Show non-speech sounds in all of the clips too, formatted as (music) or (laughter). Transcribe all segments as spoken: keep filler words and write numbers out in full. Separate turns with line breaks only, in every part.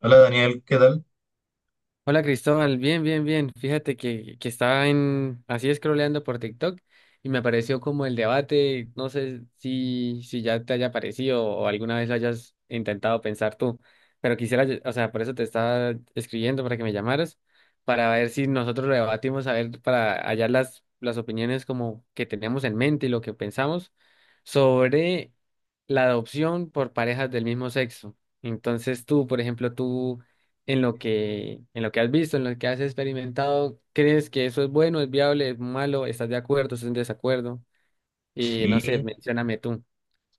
Hola Daniel, ¿qué tal?
Hola Cristóbal, bien, bien, bien. Fíjate que, que estaba en, así scrolleando por TikTok y me apareció como el debate, no sé si, si ya te haya parecido o alguna vez lo hayas intentado pensar tú, pero quisiera, ll- o sea, por eso te estaba escribiendo para que me llamaras, para ver si nosotros lo debatimos, a ver, para hallar las, las opiniones como que tenemos en mente y lo que pensamos sobre la adopción por parejas del mismo sexo. Entonces tú, por ejemplo, tú en lo que, en lo que has visto, en lo que has experimentado, ¿crees que eso es bueno, es viable, es malo? ¿Estás de acuerdo, estás en desacuerdo? Y no sé,
Sí,
mencióname tú.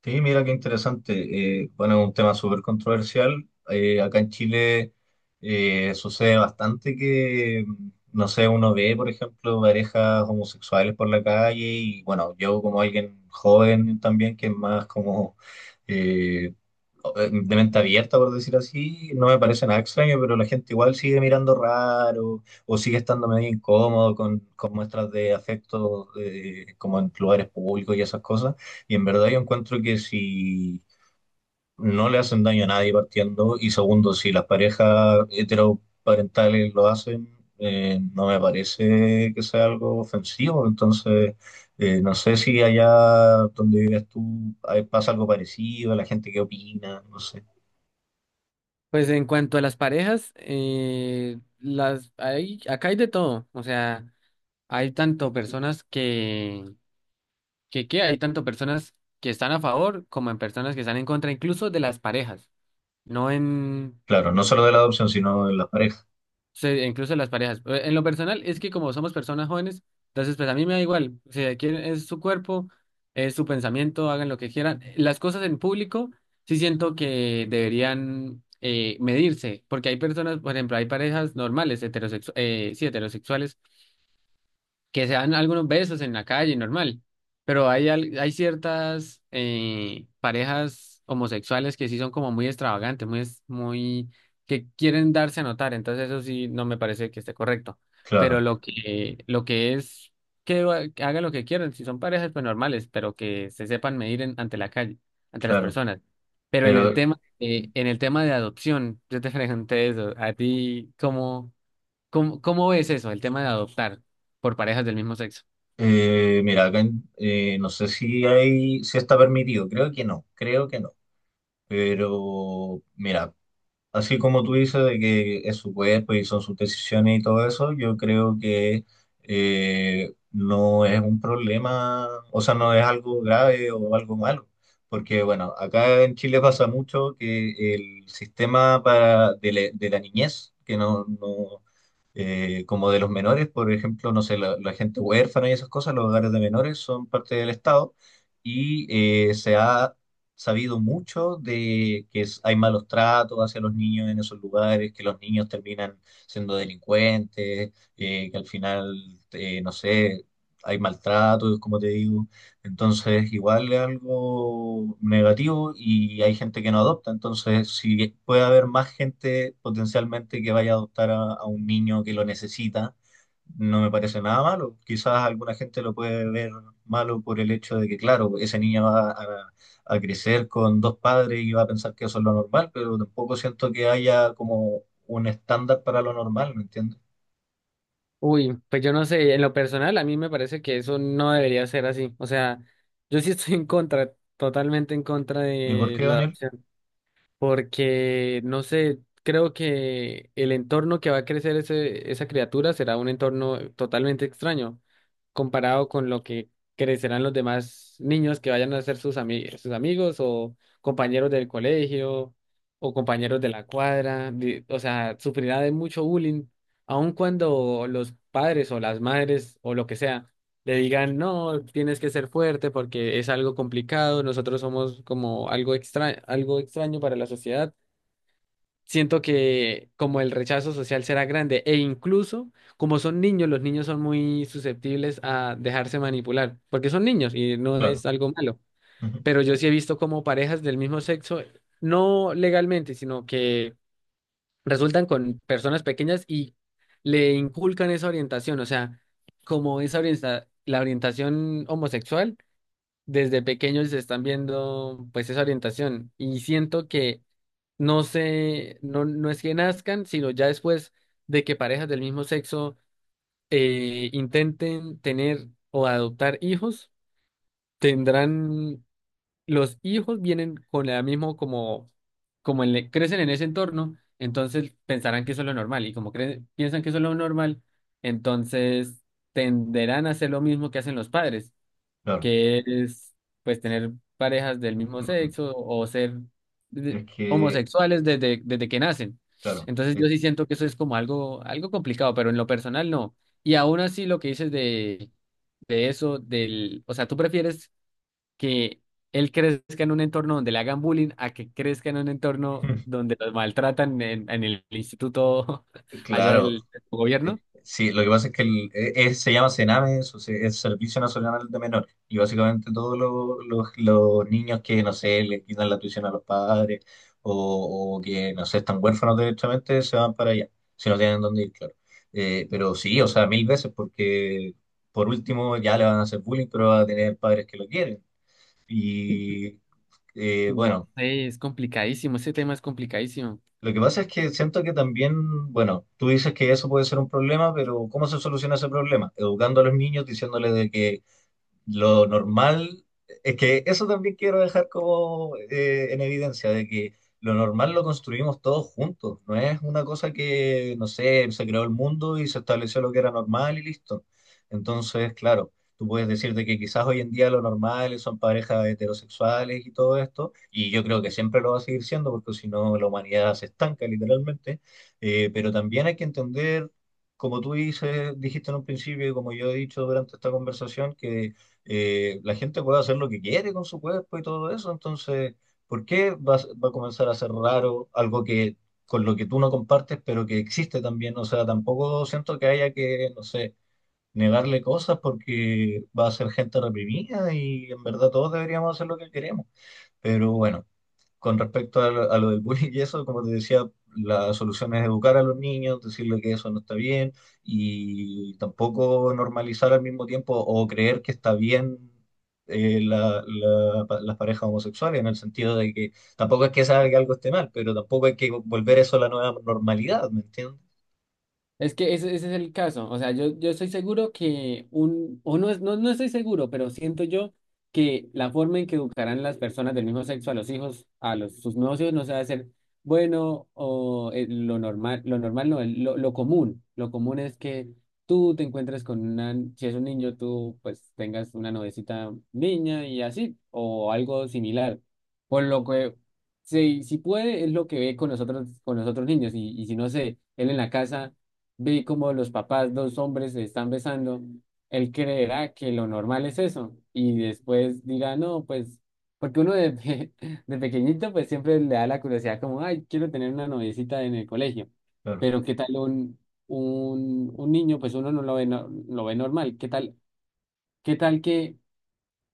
sí, mira qué interesante. Eh, bueno, es un tema súper controversial. Eh, acá en Chile eh, sucede bastante que, mm, no sé, uno ve, por ejemplo, parejas homosexuales por la calle y bueno, yo como alguien joven también, que es más como, eh, eh, de mente abierta, por decir así, no me parece nada extraño, pero la gente igual sigue mirando raro o sigue estando medio incómodo con, con muestras de afecto eh, como en lugares públicos y esas cosas. Y en verdad yo encuentro que si no le hacen daño a nadie partiendo y segundo, si las parejas heteroparentales lo hacen, eh, no me parece que sea algo ofensivo. Entonces… Eh, no sé si allá donde vives tú eh, pasa algo parecido, la gente qué opina, no sé.
Pues en cuanto a las parejas, eh, las hay, acá hay de todo. O sea, hay tanto personas que, que, que hay tanto personas que están a favor como en personas que están en contra, incluso de las parejas. No en.
Claro, no solo de la adopción, sino de la pareja.
Sí, incluso las parejas. Eh, En lo personal, es que como somos personas jóvenes, entonces pues a mí me da igual. Si quieren, es su cuerpo, es su pensamiento, hagan lo que quieran. Las cosas en público sí siento que deberían eh, medirse, porque hay personas, por ejemplo, hay parejas normales, heterosexu- eh, sí, heterosexuales, que se dan algunos besos en la calle, normal, pero hay, al- hay ciertas eh, parejas homosexuales que sí son como muy extravagantes, muy, es- muy, que quieren darse a notar, entonces eso sí no me parece que esté correcto, pero
Claro,
lo que, lo que es que, va- que hagan lo que quieran, si son parejas pues normales, pero que se sepan medir en- ante la calle, ante las
claro.
personas. Pero en el
Pero
tema, eh, en el tema de adopción, yo te (laughs) pregunté eso, a ti, ¿cómo? ¿Cómo, cómo ves eso, el tema de adoptar por parejas del mismo sexo?
eh, mira, acá en- eh, no sé si hay, si está permitido. Creo que no, creo que no. Pero mira, así como tú dices de que es su cuerpo y son sus decisiones y todo eso, yo creo que eh, no es un problema, o sea, no es algo grave o algo malo. Porque bueno, acá en Chile pasa mucho que el sistema para, de, la, de la niñez, que no no- eh, como de los menores, por ejemplo, no sé, la, la gente huérfana y esas cosas, los hogares de menores son parte del Estado y eh, se ha sabido mucho de que es- hay malos tratos hacia los niños en esos lugares, que los niños terminan siendo delincuentes, eh, que al final, eh, no sé, hay maltratos, como te digo. Entonces, igual es algo negativo y hay gente que no adopta. Entonces, si puede haber más gente potencialmente que vaya a adoptar a, a un niño que lo necesita, no me parece nada malo. Quizás alguna gente lo puede ver malo por el hecho de que, claro, ese niño va a, a crecer con dos padres y va a pensar que eso es lo normal, pero tampoco siento que haya como un estándar para lo normal, ¿me entiendes?
Uy, pues yo no sé, en lo personal a mí me parece que eso no debería ser así. O sea, yo sí estoy en contra, totalmente en contra
¿Y por
de
qué,
la
Daniel?
adopción. Porque no sé, creo que el entorno que va a crecer ese, esa criatura será un entorno totalmente extraño, comparado con lo que crecerán los demás niños que vayan a ser sus ami- sus amigos o compañeros del colegio o compañeros de la cuadra, di- o sea, sufrirá de mucho bullying, aun cuando los padres o las madres o lo que sea le digan, no, tienes que ser fuerte porque es algo complicado, nosotros somos como algo extra, algo extraño para la sociedad. Siento que como el rechazo social será grande e incluso como son niños, los niños son muy susceptibles a dejarse manipular porque son niños y no
Claro,
es algo malo.
(laughs) ujú,
Pero yo sí he visto como parejas del mismo sexo, no legalmente, sino que resultan con personas pequeñas y le inculcan esa orientación, o sea, como esa orienta- la orientación homosexual desde pequeños se están viendo pues esa orientación y siento que no se, no, no es que nazcan, sino ya después de que parejas del mismo sexo eh, intenten tener o adoptar hijos, tendrán, los hijos vienen con la mismo como, como el- crecen en ese entorno, entonces pensarán que eso es lo normal y como cre- piensan que eso es lo normal, entonces tenderán a hacer lo mismo que hacen los padres,
claro.
que es pues tener parejas del mismo
Ujú.
sexo o ser de-
Es que,
homosexuales desde, desde que nacen.
claro.
Entonces yo
es-
sí siento que eso es como algo, algo complicado, pero en lo personal no. Y aún así lo que dices de, de eso, del, o sea, tú prefieres que él crezca en un entorno donde le hagan bullying a que crezca en un entorno
(laughs)
donde los maltratan en, en el instituto (laughs) allá
Claro,
del, del gobierno.
eh, sí, lo que pasa es que el- eh, eh, se llama CENAME, o sea es Servicio Nacional de Menores, y básicamente todos los, los- los niños que, no sé, le quitan la tuición a los padres o, o que, no sé, están huérfanos directamente, se van para allá, si no tienen dónde ir, claro. Eh, pero sí, o sea, mil veces, porque por último ya le van a hacer bullying, pero va a tener padres que lo quieren. Y eh,
No
bueno.
sé, es complicadísimo, ese tema es complicadísimo.
Lo que pasa es que siento que también, bueno, tú dices que eso puede ser un problema, pero ¿cómo se soluciona ese problema? Educando a los niños, diciéndoles de que lo normal, es que eso también quiero dejar como eh, en evidencia, de que lo normal lo construimos todos juntos, no es una cosa que, no sé, se creó el mundo y se estableció lo que era normal y listo. Entonces, claro, tú puedes decirte que quizás hoy en día lo normal son parejas heterosexuales y todo esto, y yo creo que siempre lo va a seguir siendo, porque si no la humanidad se estanca literalmente. Eh, pero también hay que entender… Como tú dices, dijiste en un principio y como yo he dicho durante esta conversación, que eh, la gente puede hacer lo que quiere con su cuerpo y todo eso, entonces, ¿por qué va, a s- va a comenzar a ser raro algo que con lo que tú no compartes, pero que existe también? O sea, tampoco siento que haya que, no sé, negarle cosas porque va a ser gente reprimida y en verdad todos deberíamos hacer lo que queremos. Pero bueno. Con respecto a, lo a lo del bullying y eso, como te decía, la solución es educar a los niños, decirle que eso no está bien y tampoco normalizar al mismo tiempo o creer que está bien eh, la- la- pa- las parejas homosexuales, en el sentido de que tampoco es que sea que algo esté mal, pero tampoco hay que volver eso a la nueva normalidad, ¿me entiendes?
Es que ese, ese es el caso. O sea, yo, yo estoy seguro que un, o no, es, no, no estoy seguro, pero siento yo que la forma en que educarán las personas del mismo sexo a los hijos, a los, sus nuevos hijos, no se va a hacer bueno o eh, lo normal, lo normal no, el- lo, lo común. Lo común es que tú te encuentres con una, si es un niño, tú pues tengas una novecita niña y así, o algo similar. Por lo que si, si puede, es lo que ve con nosotros, con los otros niños, y, y si no sé, él en la casa vi como los papás, dos hombres se están besando, él creerá que lo normal es eso y después dirá, no, pues, porque uno de, pe- (laughs) de pequeñito pues siempre le da la curiosidad como, ay, quiero tener una noviecita en el colegio,
Claro,
pero ¿qué tal un, un, un niño? Pues uno no lo ve, no- lo ve normal, ¿qué tal? ¿Qué tal que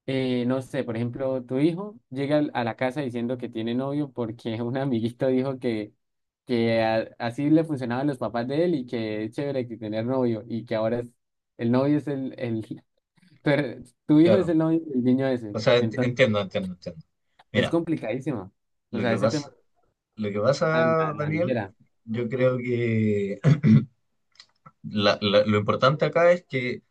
eh, no sé, por ejemplo, tu hijo llega al- a la casa diciendo que tiene novio porque (laughs) un amiguito dijo que, que a- así le funcionaban los papás de él y que es chévere que tener novio y que ahora es, el novio es el, el (laughs) Pero tu hijo es
claro.
el novio del niño ese.
O sea, ent-
Entonces,
entiendo, entiendo, entiendo.
es
Mira,
complicadísimo. O
lo
sea,
que
ese
pasa,
tema
lo que
a la a
pasa,
la
Daniel,
ligera.
yo creo que (clears throat) la- la- lo importante acá es que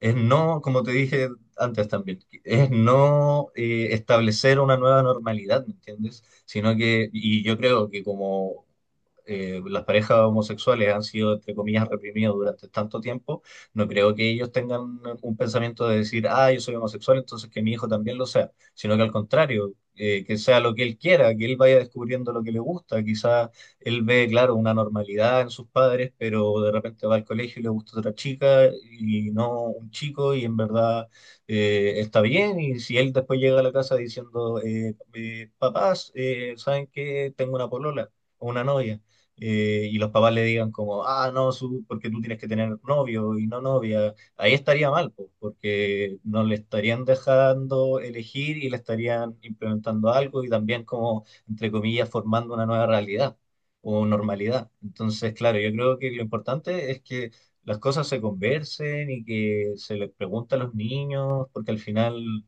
es no, como te dije antes también, es no eh, establecer una nueva normalidad, ¿me entiendes? Sino que, y yo creo que como eh, las parejas homosexuales han sido, entre comillas, reprimidos durante tanto tiempo, no creo que ellos tengan un pensamiento de decir, ah, yo soy homosexual, entonces que mi hijo también lo sea, sino que al contrario, eh, que sea lo que él quiera, que él vaya descubriendo lo que le gusta, quizás él ve, claro, una normalidad en sus padres, pero de repente va al colegio y le gusta otra chica y no un chico y en verdad eh, está bien. Y si él después llega a la casa diciendo, eh, eh, papás, eh, ¿saben qué? Tengo una polola o una novia. Eh, y los papás le digan como, ah, no, su, porque tú tienes que tener novio y no novia, ahí estaría mal, po, porque no le estarían dejando elegir y le estarían implementando algo y también como, entre comillas, formando una nueva realidad o normalidad. Entonces, claro, yo creo que lo importante es que las cosas se conversen y que se les pregunte a los niños, porque al final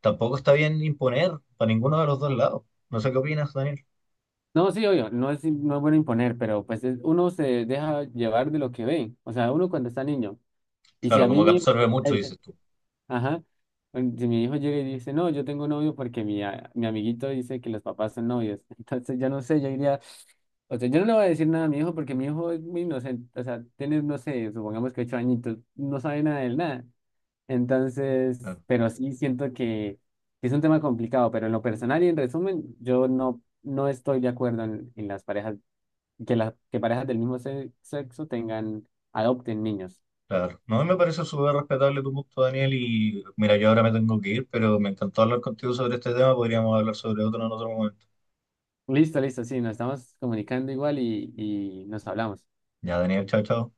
tampoco está bien imponer para ninguno de los dos lados. No sé qué opinas, Daniel.
No, sí, obvio, no es, no es bueno imponer, pero pues es- uno se deja llevar de lo que ve. O sea, uno cuando está niño. Y si a
Claro,
mí
como que
mismo.
absorbe mucho, dices tú.
Ajá. Bueno, si mi hijo llega y dice, no, yo tengo novio porque mi, a- mi amiguito dice que los papás son novios. (laughs) Entonces, ya no sé, yo diría, o sea, yo no le voy a decir nada a mi hijo porque mi hijo es muy inocente. O sea, tiene, no sé, supongamos que ocho añitos, no sabe nada de él, nada. Entonces,
Claro,
pero sí siento que, que es un tema complicado, pero en lo personal y en resumen, yo no, no estoy de acuerdo en, en las parejas, que, las que parejas del mismo se- sexo tengan, adopten niños.
claro. No, a mí me parece súper respetable tu punto, Daniel, y mira, yo ahora me tengo que ir, pero me encantó hablar contigo sobre este tema, podríamos hablar sobre otro en otro momento.
Listo, listo, sí, nos estamos comunicando igual y, y nos hablamos.
Ya, Daniel, chao, chao.